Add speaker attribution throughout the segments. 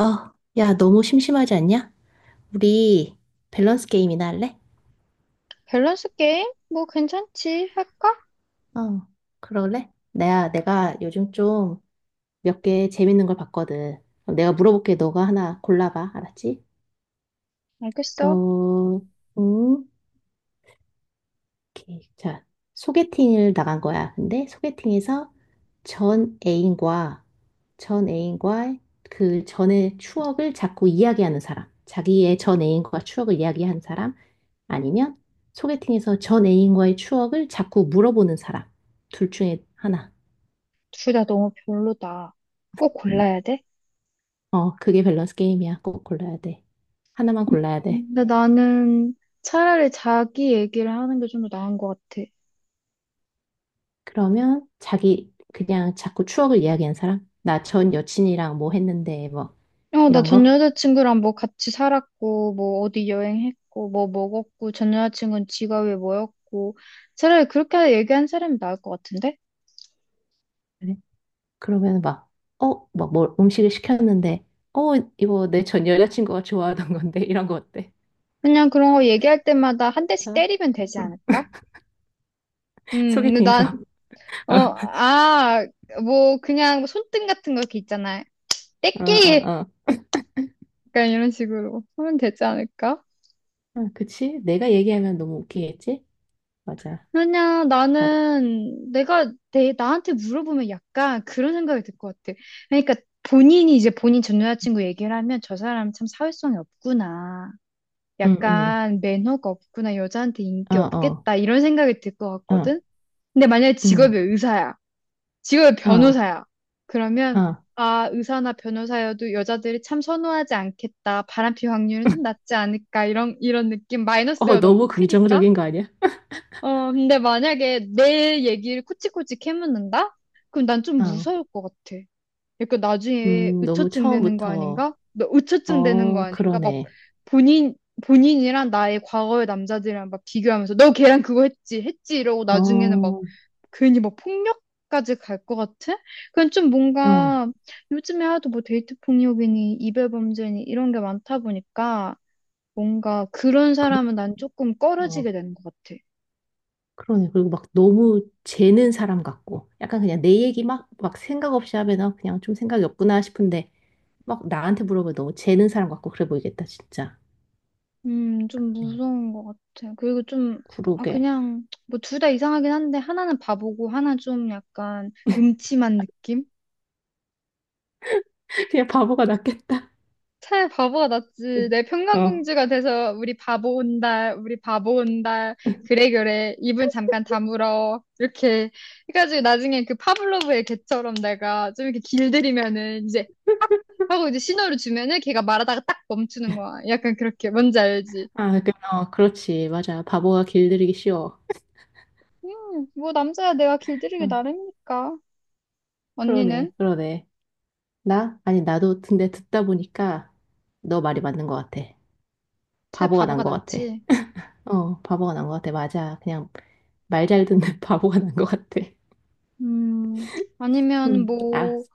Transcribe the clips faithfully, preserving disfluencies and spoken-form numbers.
Speaker 1: 어, 야, 너무 심심하지 않냐? 우리 밸런스 게임이나 할래?
Speaker 2: 밸런스 게임? 뭐 괜찮지. 할까?
Speaker 1: 어, 그럴래? 내가, 내가 요즘 좀 몇 개 재밌는 걸 봤거든. 그럼 내가 물어볼게. 너가 하나 골라봐. 알았지?
Speaker 2: 알겠어.
Speaker 1: 그럼, 음, 오케이. 자, 소개팅을 나간 거야. 근데 소개팅에서 전 애인과 전 애인과 그 전의 추억을 자꾸 이야기하는 사람, 자기의 전 애인과 추억을 이야기한 사람, 아니면 소개팅에서 전 애인과의 추억을 자꾸 물어보는 사람, 둘 중에 하나.
Speaker 2: 둘 다 너무 별로다. 꼭 음. 골라야 돼?
Speaker 1: 어, 그게 밸런스 게임이야. 꼭 골라야 돼. 하나만 골라야 돼.
Speaker 2: 근데 나는 차라리 자기 얘기를 하는 게 좀 더 나은 것 같아.
Speaker 1: 그러면 자기 그냥 자꾸 추억을 이야기한 사람, 나 전 여친이랑 뭐 했는데 뭐
Speaker 2: 어, 나
Speaker 1: 이런
Speaker 2: 전
Speaker 1: 거.
Speaker 2: 여자친구랑 뭐 같이 살았고, 뭐 어디 여행했고, 뭐 먹었고, 전 여자친구는 직업이 뭐였고. 차라리 그렇게 얘기한 사람이 나을 것 같은데?
Speaker 1: 그래? 그러면 막, 어, 막 뭘 음식을 시켰는데, 어, 이거 내 전 여자친구가 좋아하던 건데, 이런 거 어때?
Speaker 2: 그냥 그런 거 얘기할 때마다 한 대씩
Speaker 1: 괜찮아?
Speaker 2: 때리면 되지
Speaker 1: 응.
Speaker 2: 않을까? 음, 근데 난,
Speaker 1: 소개팅에서.
Speaker 2: 어, 아, 뭐 그냥 손등 같은 거 이렇게 있잖아.
Speaker 1: 어,
Speaker 2: 떼끼
Speaker 1: 어, 어.
Speaker 2: 약간 이런 식으로 하면 되지 않을까?
Speaker 1: 응, 그치? 내가 얘기하면 너무 웃기겠지? 맞아.
Speaker 2: 왜냐,
Speaker 1: 나도.
Speaker 2: 나는 내가 내, 나한테 물어보면 약간 그런 생각이 들 것 같아. 그러니까 본인이 이제 본인 전 여자친구 얘기를 하면 저 사람 참 사회성이 없구나.
Speaker 1: 응, 응.
Speaker 2: 약간 매너가 없구나. 여자한테
Speaker 1: 어,
Speaker 2: 인기
Speaker 1: 어.
Speaker 2: 없겠다. 이런 생각이 들 것
Speaker 1: 어,
Speaker 2: 같거든? 근데 만약에 직업이
Speaker 1: 응.
Speaker 2: 의사야. 직업이
Speaker 1: 어,
Speaker 2: 변호사야. 그러면
Speaker 1: 어.
Speaker 2: 아, 의사나 변호사여도 여자들이 참 선호하지 않겠다. 바람피 확률은 좀 낮지 않을까. 이런, 이런 느낌.
Speaker 1: 어,
Speaker 2: 마이너스가 너무
Speaker 1: 너무
Speaker 2: 크니까.
Speaker 1: 긍정적인 거 아니야?
Speaker 2: 어, 근데 만약에 내 얘기를 코치코치 캐묻는다? 그럼 난 좀
Speaker 1: 어.
Speaker 2: 무서울 것 같아. 약간 나중에
Speaker 1: 음, 너무
Speaker 2: 의처증 되는 거
Speaker 1: 처음부터.
Speaker 2: 아닌가? 너 의처증 되는 거
Speaker 1: 어,
Speaker 2: 아닌가? 막
Speaker 1: 그러네.
Speaker 2: 본인, 본인이랑 나의 과거의 남자들이랑 막 비교하면서 너 걔랑 그거 했지, 했지 이러고
Speaker 1: 어,
Speaker 2: 나중에는 막
Speaker 1: 어.
Speaker 2: 괜히 막 폭력까지 갈 것 같아? 그건 좀 뭔가 요즘에 하도 뭐 데이트 폭력이니 이별 범죄니 이런 게 많다 보니까 뭔가 그런
Speaker 1: 그러,
Speaker 2: 사람은 난 조금 꺼려지게
Speaker 1: 어.
Speaker 2: 되는 것 같아.
Speaker 1: 그러네. 그리고 막 너무 재는 사람 같고, 약간 그냥 내 얘기 막, 막 생각 없이 하면 어, 그냥 좀 생각이 없구나 싶은데, 막 나한테 물어보면 너무 재는 사람 같고, 그래 보이겠다, 진짜.
Speaker 2: 음, 좀
Speaker 1: 네.
Speaker 2: 무서운 것 같아 그리고 좀, 아,
Speaker 1: 그러게.
Speaker 2: 그냥, 뭐, 둘 다 이상하긴 한데, 하나는 바보고, 하나 좀 약간 음침한 느낌?
Speaker 1: 그냥 바보가 낫겠다.
Speaker 2: 차라리 바보가 낫지. 내
Speaker 1: 어.
Speaker 2: 평강공주가 돼서, 우리 바보 온달, 우리 바보 온달, 그래, 그래, 입은 잠깐 다물어. 이렇게 해가지고, 나중에 그 파블로브의 개처럼 내가 좀 이렇게 길들이면은, 이제, 딱! 하고 이제 신호를 주면은, 걔가 말하다가 딱 멈추는 거야. 약간 그렇게, 뭔지 알지?
Speaker 1: 아, 그, 어, 그렇지. 맞아. 바보가 길들이기 쉬워.
Speaker 2: 음, 뭐, 남자야 내가 길들이기
Speaker 1: 응.
Speaker 2: 나름이니까. 언니는?
Speaker 1: 그러네, 그러네. 나? 아니, 나도 근데 듣다 보니까 너 말이 맞는 것 같아.
Speaker 2: 새
Speaker 1: 바보가
Speaker 2: 바보가
Speaker 1: 난 것 같아.
Speaker 2: 낫지?
Speaker 1: 어, 바보가 난 것 같아. 맞아. 그냥 말 잘 듣는 바보가 난 것 같아.
Speaker 2: 음, 아니면
Speaker 1: 응. 아,
Speaker 2: 뭐,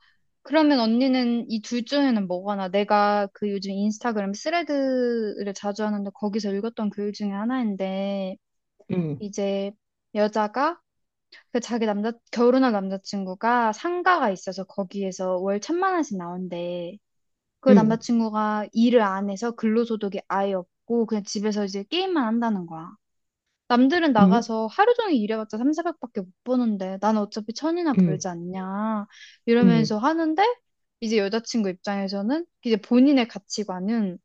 Speaker 2: 그러면 언니는 이 둘 중에는 뭐가 나? 내가 그 요즘 인스타그램 스레드를 자주 하는데 거기서 읽었던 글 중에 하나인데,
Speaker 1: 응.
Speaker 2: 이제 여자가 그 자기 남자, 결혼할 남자친구가 상가가 있어서 거기에서 월 천만 원씩 나온대. 그
Speaker 1: 응.
Speaker 2: 남자친구가 일을 안 해서 근로소득이 아예 없고 그냥 집에서 이제 게임만 한다는 거야. 남들은 나가서
Speaker 1: 응.
Speaker 2: 하루 종일 일해봤자 삼, 사백밖에 못 버는데 나는 어차피 천이나
Speaker 1: 응.
Speaker 2: 벌지 않냐
Speaker 1: 응.
Speaker 2: 이러면서 하는데 이제 여자친구 입장에서는 이제 본인의 가치관은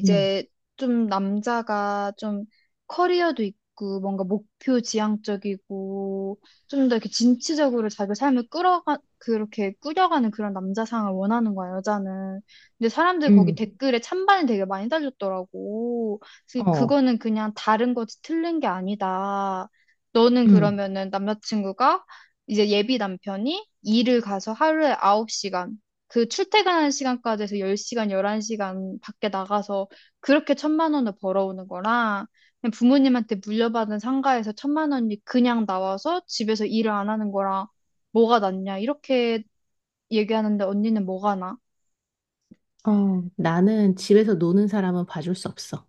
Speaker 1: 응.
Speaker 2: 좀 남자가 좀 커리어도 있고 뭔가 목표 지향적이고 좀 더 이렇게 진취적으로 자기 삶을 끌어가 그렇게 꾸려가는 그런 남자상을 원하는 거야 여자는. 근데 사람들이 거기
Speaker 1: 응.
Speaker 2: 댓글에 찬반이 되게 많이 달렸더라고. 그래서
Speaker 1: 어,
Speaker 2: 그거는 그냥 다른 거지 틀린 게 아니다. 너는
Speaker 1: 응.
Speaker 2: 그러면은 남자친구가 이제 예비 남편이 일을 가서 하루에 아홉 시간 그 출퇴근하는 시간까지 해서 열 시간, 열한 시간 밖에 나가서 그렇게 천만 원을 벌어오는 거랑 그냥 부모님한테 물려받은 상가에서 천만 원이 그냥 나와서 집에서 일을 안 하는 거랑 뭐가 낫냐 이렇게 얘기하는데 언니는 뭐가 나?
Speaker 1: 어, 나는 집에서 노는 사람은 봐줄 수 없어.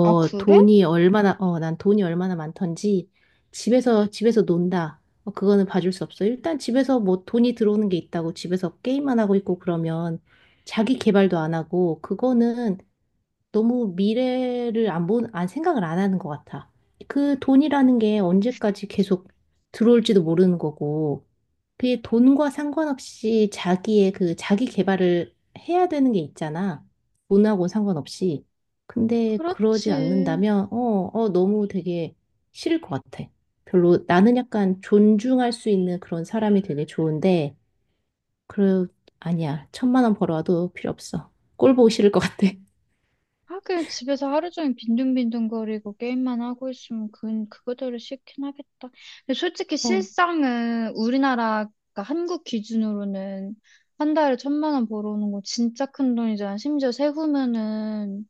Speaker 2: 아, 그래?
Speaker 1: 돈이 얼마나, 어, 난 돈이 얼마나 많던지, 집에서, 집에서 논다. 어, 그거는 봐줄 수 없어. 일단 집에서 뭐 돈이 들어오는 게 있다고 집에서 게임만 하고 있고 그러면 자기 개발도 안 하고, 그거는 너무 미래를 안 본, 안 생각을 안 하는 것 같아. 그 돈이라는 게 언제까지 계속 들어올지도 모르는 거고, 그게 돈과 상관없이 자기의 그 자기 개발을 해야 되는 게 있잖아. 돈하고 상관없이. 근데 그러지
Speaker 2: 그렇지.
Speaker 1: 않는다면, 어, 어, 너무 되게 싫을 것 같아. 별로 나는 약간 존중할 수 있는 그런 사람이 되게 좋은데, 그, 아니야. 천만 원 벌어와도 필요 없어. 꼴 보기 싫을 것 같아.
Speaker 2: 하긴 집에서 하루 종일 빈둥빈둥거리고 게임만 하고 있으면 그건 그거대로 싫긴 하겠다. 근데 솔직히
Speaker 1: 어,
Speaker 2: 실상은 우리나라, 그 한국 기준으로는 한 달에 천만 원 벌어오는 거 진짜 큰 돈이잖아. 심지어 세후면은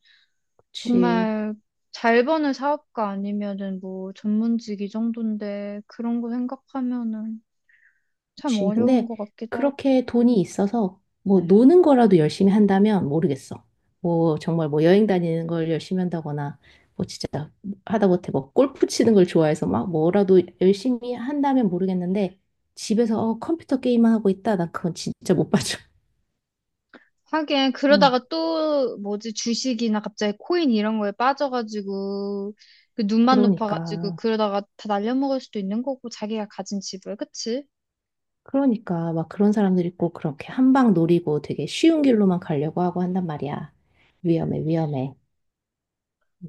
Speaker 1: 그치.
Speaker 2: 정말 잘 버는 사업가 아니면은 뭐 전문직 이 정도인데 그런 거 생각하면은 참
Speaker 1: 그치.
Speaker 2: 어려운
Speaker 1: 근데
Speaker 2: 것 같기도 하고.
Speaker 1: 그렇게 돈이 있어서 뭐 음. 노는 거라도 열심히 한다면 모르겠어. 뭐 정말 뭐 여행 다니는 걸 열심히 한다거나 뭐 진짜 하다못해 뭐 골프 치는 걸 좋아해서 막 뭐라도 열심히 한다면 모르겠는데 집에서 어, 컴퓨터 게임만 하고 있다. 난 그건 진짜 못 봐줘.
Speaker 2: 하긴
Speaker 1: 어,
Speaker 2: 그러다가 또 뭐지 주식이나 갑자기 코인 이런 거에 빠져가지고 그 눈만 높아가지고
Speaker 1: 그러니까.
Speaker 2: 그러다가 다 날려먹을 수도 있는 거고 자기가 가진 집을 그치?
Speaker 1: 그러니까 막 그런 사람들 있고 그렇게 한 방 노리고 되게 쉬운 길로만 가려고 하고 한단 말이야. 위험해, 위험해.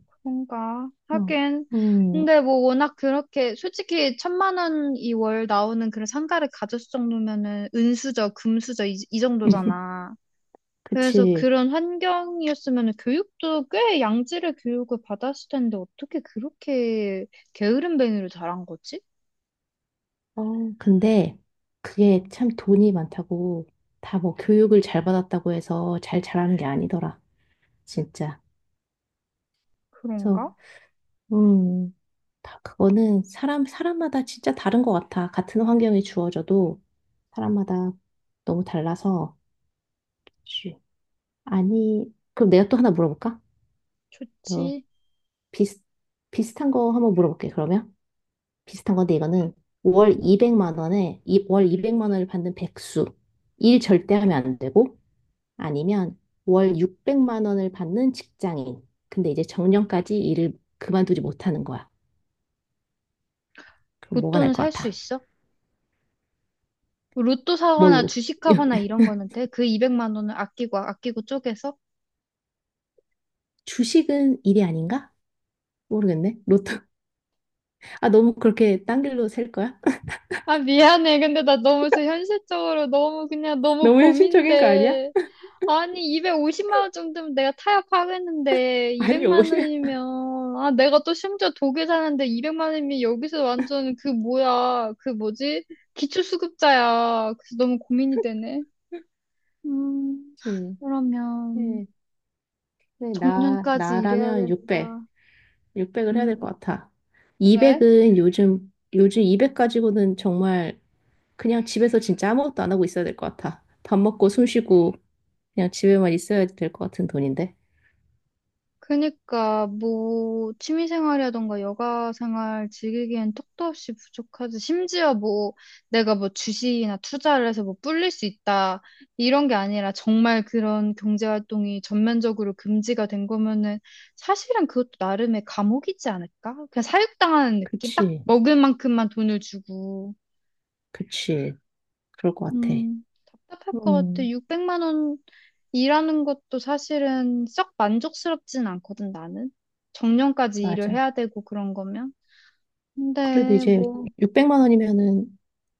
Speaker 2: 그런가
Speaker 1: 어.
Speaker 2: 하긴
Speaker 1: 음.
Speaker 2: 근데 뭐 워낙 그렇게 솔직히 천만 원이 월 나오는 그런 상가를 가졌을 정도면은 은수저 금수저 이, 이 정도잖아 그래서
Speaker 1: 그치.
Speaker 2: 그런 환경이었으면 교육도 꽤 양질의 교육을 받았을 텐데 어떻게 그렇게 게으름뱅이로 자란 거지?
Speaker 1: 어, 근데 그게 참 돈이 많다고 다 뭐 교육을 잘 받았다고 해서 잘 자라는 게 아니더라. 진짜. 그래서
Speaker 2: 그런가?
Speaker 1: 음, 다 그거는 사람 사람마다 진짜 다른 것 같아. 같은 환경이 주어져도 사람마다 너무 달라서 쉬. 아니, 그럼 내가 또 하나 물어볼까? 또
Speaker 2: 좋지.
Speaker 1: 비슷 비슷한 거 한번 물어볼게. 그러면 비슷한 건데 이거는 월 이백만 원에 이, 월 이백만 원을 받는 백수. 일 절대 하면 안 되고 아니면 월 육백만 원을 받는 직장인. 근데 이제 정년까지 일을 그만두지 못하는 거야. 그럼 뭐가
Speaker 2: 로또는
Speaker 1: 날
Speaker 2: 살
Speaker 1: 것
Speaker 2: 수
Speaker 1: 같아?
Speaker 2: 있어? 로또 사거나
Speaker 1: 뭘로?
Speaker 2: 주식하거나 이런 거는 돼? 그 이백만 원을 아끼고 아끼고 쪼개서?
Speaker 1: 주식은 일이 아닌가? 모르겠네. 로또. 아, 너무 그렇게 딴 길로 셀 거야?
Speaker 2: 아, 미안해. 근데 나 너무 저 현실적으로 너무 그냥 너무
Speaker 1: 너무 현실적인 거 아니야?
Speaker 2: 고민돼. 아니, 이백오십만 원 정도면 내가 타협하겠는데,
Speaker 1: 아니, 오
Speaker 2: 이백만
Speaker 1: 히
Speaker 2: 원이면, 아, 내가 또 심지어 독일 사는데 이백만 원이면 여기서 완전 그 뭐야, 그 뭐지? 기초수급자야. 그래서 너무 고민이 되네. 음,
Speaker 1: 그치.
Speaker 2: 그러면
Speaker 1: 네, 네, 나,
Speaker 2: 정년까지 일해야
Speaker 1: 나라면 육백.
Speaker 2: 된다.
Speaker 1: 육백을 해야 될
Speaker 2: 음.
Speaker 1: 것 같아.
Speaker 2: 왜?
Speaker 1: 이백은 요즘, 요즘 이백 가지고는 정말 그냥 집에서 진짜 아무것도 안 하고 있어야 될 것 같아. 밥 먹고 숨 쉬고 그냥 집에만 있어야 될 것 같은 돈인데.
Speaker 2: 그니까 뭐 취미 생활이라던가 여가 생활 즐기기엔 턱도 없이 부족하지. 심지어 뭐 내가 뭐 주식이나 투자를 해서 뭐 불릴 수 있다 이런 게 아니라 정말 그런 경제 활동이 전면적으로 금지가 된 거면은 사실은 그것도 나름의 감옥이지 않을까? 그냥 사육당하는 느낌? 딱
Speaker 1: 그치,
Speaker 2: 먹을 만큼만 돈을 주고.
Speaker 1: 그치. 그럴 것 같아.
Speaker 2: 음, 답답할 것 같아.
Speaker 1: 음.
Speaker 2: 육백만 원 일하는 것도 사실은 썩 만족스럽진 않거든, 나는. 정년까지 일을
Speaker 1: 맞아.
Speaker 2: 해야 되고 그런 거면.
Speaker 1: 그래도
Speaker 2: 근데
Speaker 1: 이제
Speaker 2: 뭐,
Speaker 1: 육백만 원이면은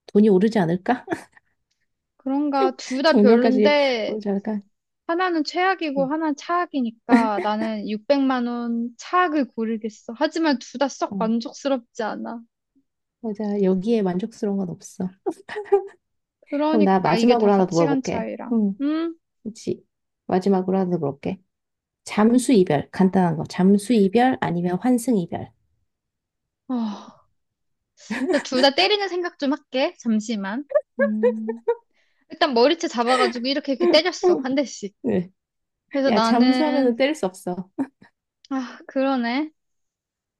Speaker 1: 돈이 오르지 않을까?
Speaker 2: 그런가 둘 다
Speaker 1: 정년까지
Speaker 2: 별론데,
Speaker 1: 오르지 않을까?
Speaker 2: 하나는 최악이고
Speaker 1: 음.
Speaker 2: 하나는 차악이니까 나는 육백만 원 차악을 고르겠어. 하지만 둘 다 썩
Speaker 1: 어,
Speaker 2: 만족스럽지 않아.
Speaker 1: 맞아. 여기에 만족스러운 건 없어. 그럼 나
Speaker 2: 그러니까 이게 다
Speaker 1: 마지막으로 하나 더
Speaker 2: 가치관
Speaker 1: 물어볼게.
Speaker 2: 차이라.
Speaker 1: 음.
Speaker 2: 음?
Speaker 1: 그치. 마지막으로 하나 더 물어볼게. 잠수 이별. 간단한 거. 잠수 이별 아니면 환승 이별.
Speaker 2: 어. 둘 다 때리는 생각 좀 할게. 잠시만. 음. 일단 머리채 잡아가지고 이렇게 이렇게 때렸어. 한 대씩.
Speaker 1: 네.
Speaker 2: 그래서
Speaker 1: 야,
Speaker 2: 나는
Speaker 1: 잠수하면은 때릴 수 없어.
Speaker 2: 아, 그러네.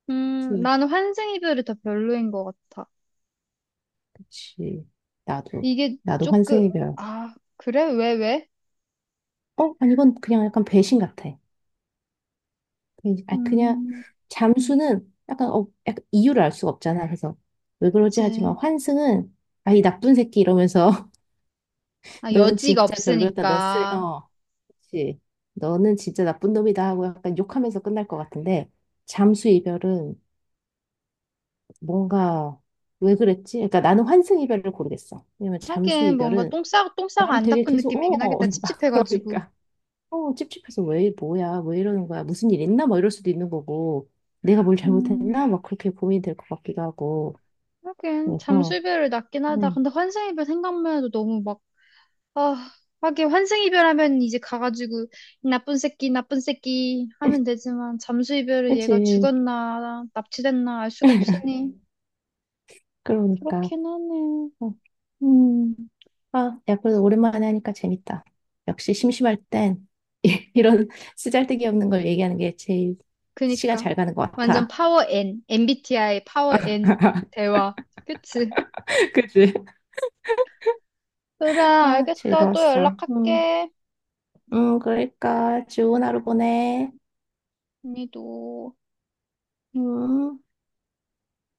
Speaker 2: 음,
Speaker 1: 그치,
Speaker 2: 나는 환생 이별이 더 별로인 것 같아.
Speaker 1: 그치. 나도,
Speaker 2: 이게
Speaker 1: 나도
Speaker 2: 조금,
Speaker 1: 환승의 별.
Speaker 2: 아, 그래? 왜, 왜?
Speaker 1: 어? 아니, 이건 그냥 약간 배신 같아. 그냥, 아, 그냥,
Speaker 2: 음,
Speaker 1: 잠수는 약간, 어, 약간 이유를 알 수가 없잖아. 그래서, 왜 그러지 하지만
Speaker 2: 그치.
Speaker 1: 환승은, 아, 이 나쁜 새끼 이러면서,
Speaker 2: 아,
Speaker 1: 너는
Speaker 2: 여지가
Speaker 1: 진짜 별로였다. 넌 쓰레,
Speaker 2: 없으니까.
Speaker 1: 어, 그치. 너는 진짜 나쁜 놈이다 하고 약간 욕하면서 끝날 것 같은데, 잠수 이별은 뭔가, 왜 그랬지? 그러니까 나는 환승 이별을 고르겠어. 왜냐면 잠수
Speaker 2: 하긴, 뭔가
Speaker 1: 이별은
Speaker 2: 똥 싸고, 똥 싸고
Speaker 1: 나를
Speaker 2: 안
Speaker 1: 되게
Speaker 2: 닦은
Speaker 1: 계속
Speaker 2: 느낌이긴
Speaker 1: 어
Speaker 2: 하겠다.
Speaker 1: 막
Speaker 2: 찝찝해가지고.
Speaker 1: 그러니까 어 찝찝해서 왜 뭐야 왜 이러는 거야 무슨 일 있나 막 이럴 수도 있는 거고 내가 뭘
Speaker 2: 음,
Speaker 1: 잘못했나 막 그렇게 고민이 될 것 같기도 하고
Speaker 2: 하긴,
Speaker 1: 그래서
Speaker 2: 잠수이별을 낫긴 하다.
Speaker 1: 음
Speaker 2: 근데 환생 이별 생각만 해도 너무 막, 아, 하긴, 환생 이별하면 이제 가가지고, 이 나쁜 새끼, 나쁜 새끼 하면 되지만, 잠수 이별을 얘가
Speaker 1: 그치
Speaker 2: 죽었나, 납치됐나 알 수가 없으니.
Speaker 1: 그러니까
Speaker 2: 그렇긴 하네.
Speaker 1: 어. 음, 아, 야, 그래도 오랜만에 하니까 재밌다. 역시 심심할 땐 이런 쓰잘데기 없는 걸 얘기하는 게 제일 시간
Speaker 2: 그니까.
Speaker 1: 잘 가는 것
Speaker 2: 완전
Speaker 1: 같아.
Speaker 2: 파워 N. 엠비티아이 파워 N 대화. 그치?
Speaker 1: 그치?
Speaker 2: 그래,
Speaker 1: 아,
Speaker 2: 알겠어. 또
Speaker 1: 즐거웠어. 음,
Speaker 2: 연락할게.
Speaker 1: 음, 그러니까 좋은 하루 보내.
Speaker 2: 언니도.
Speaker 1: 음.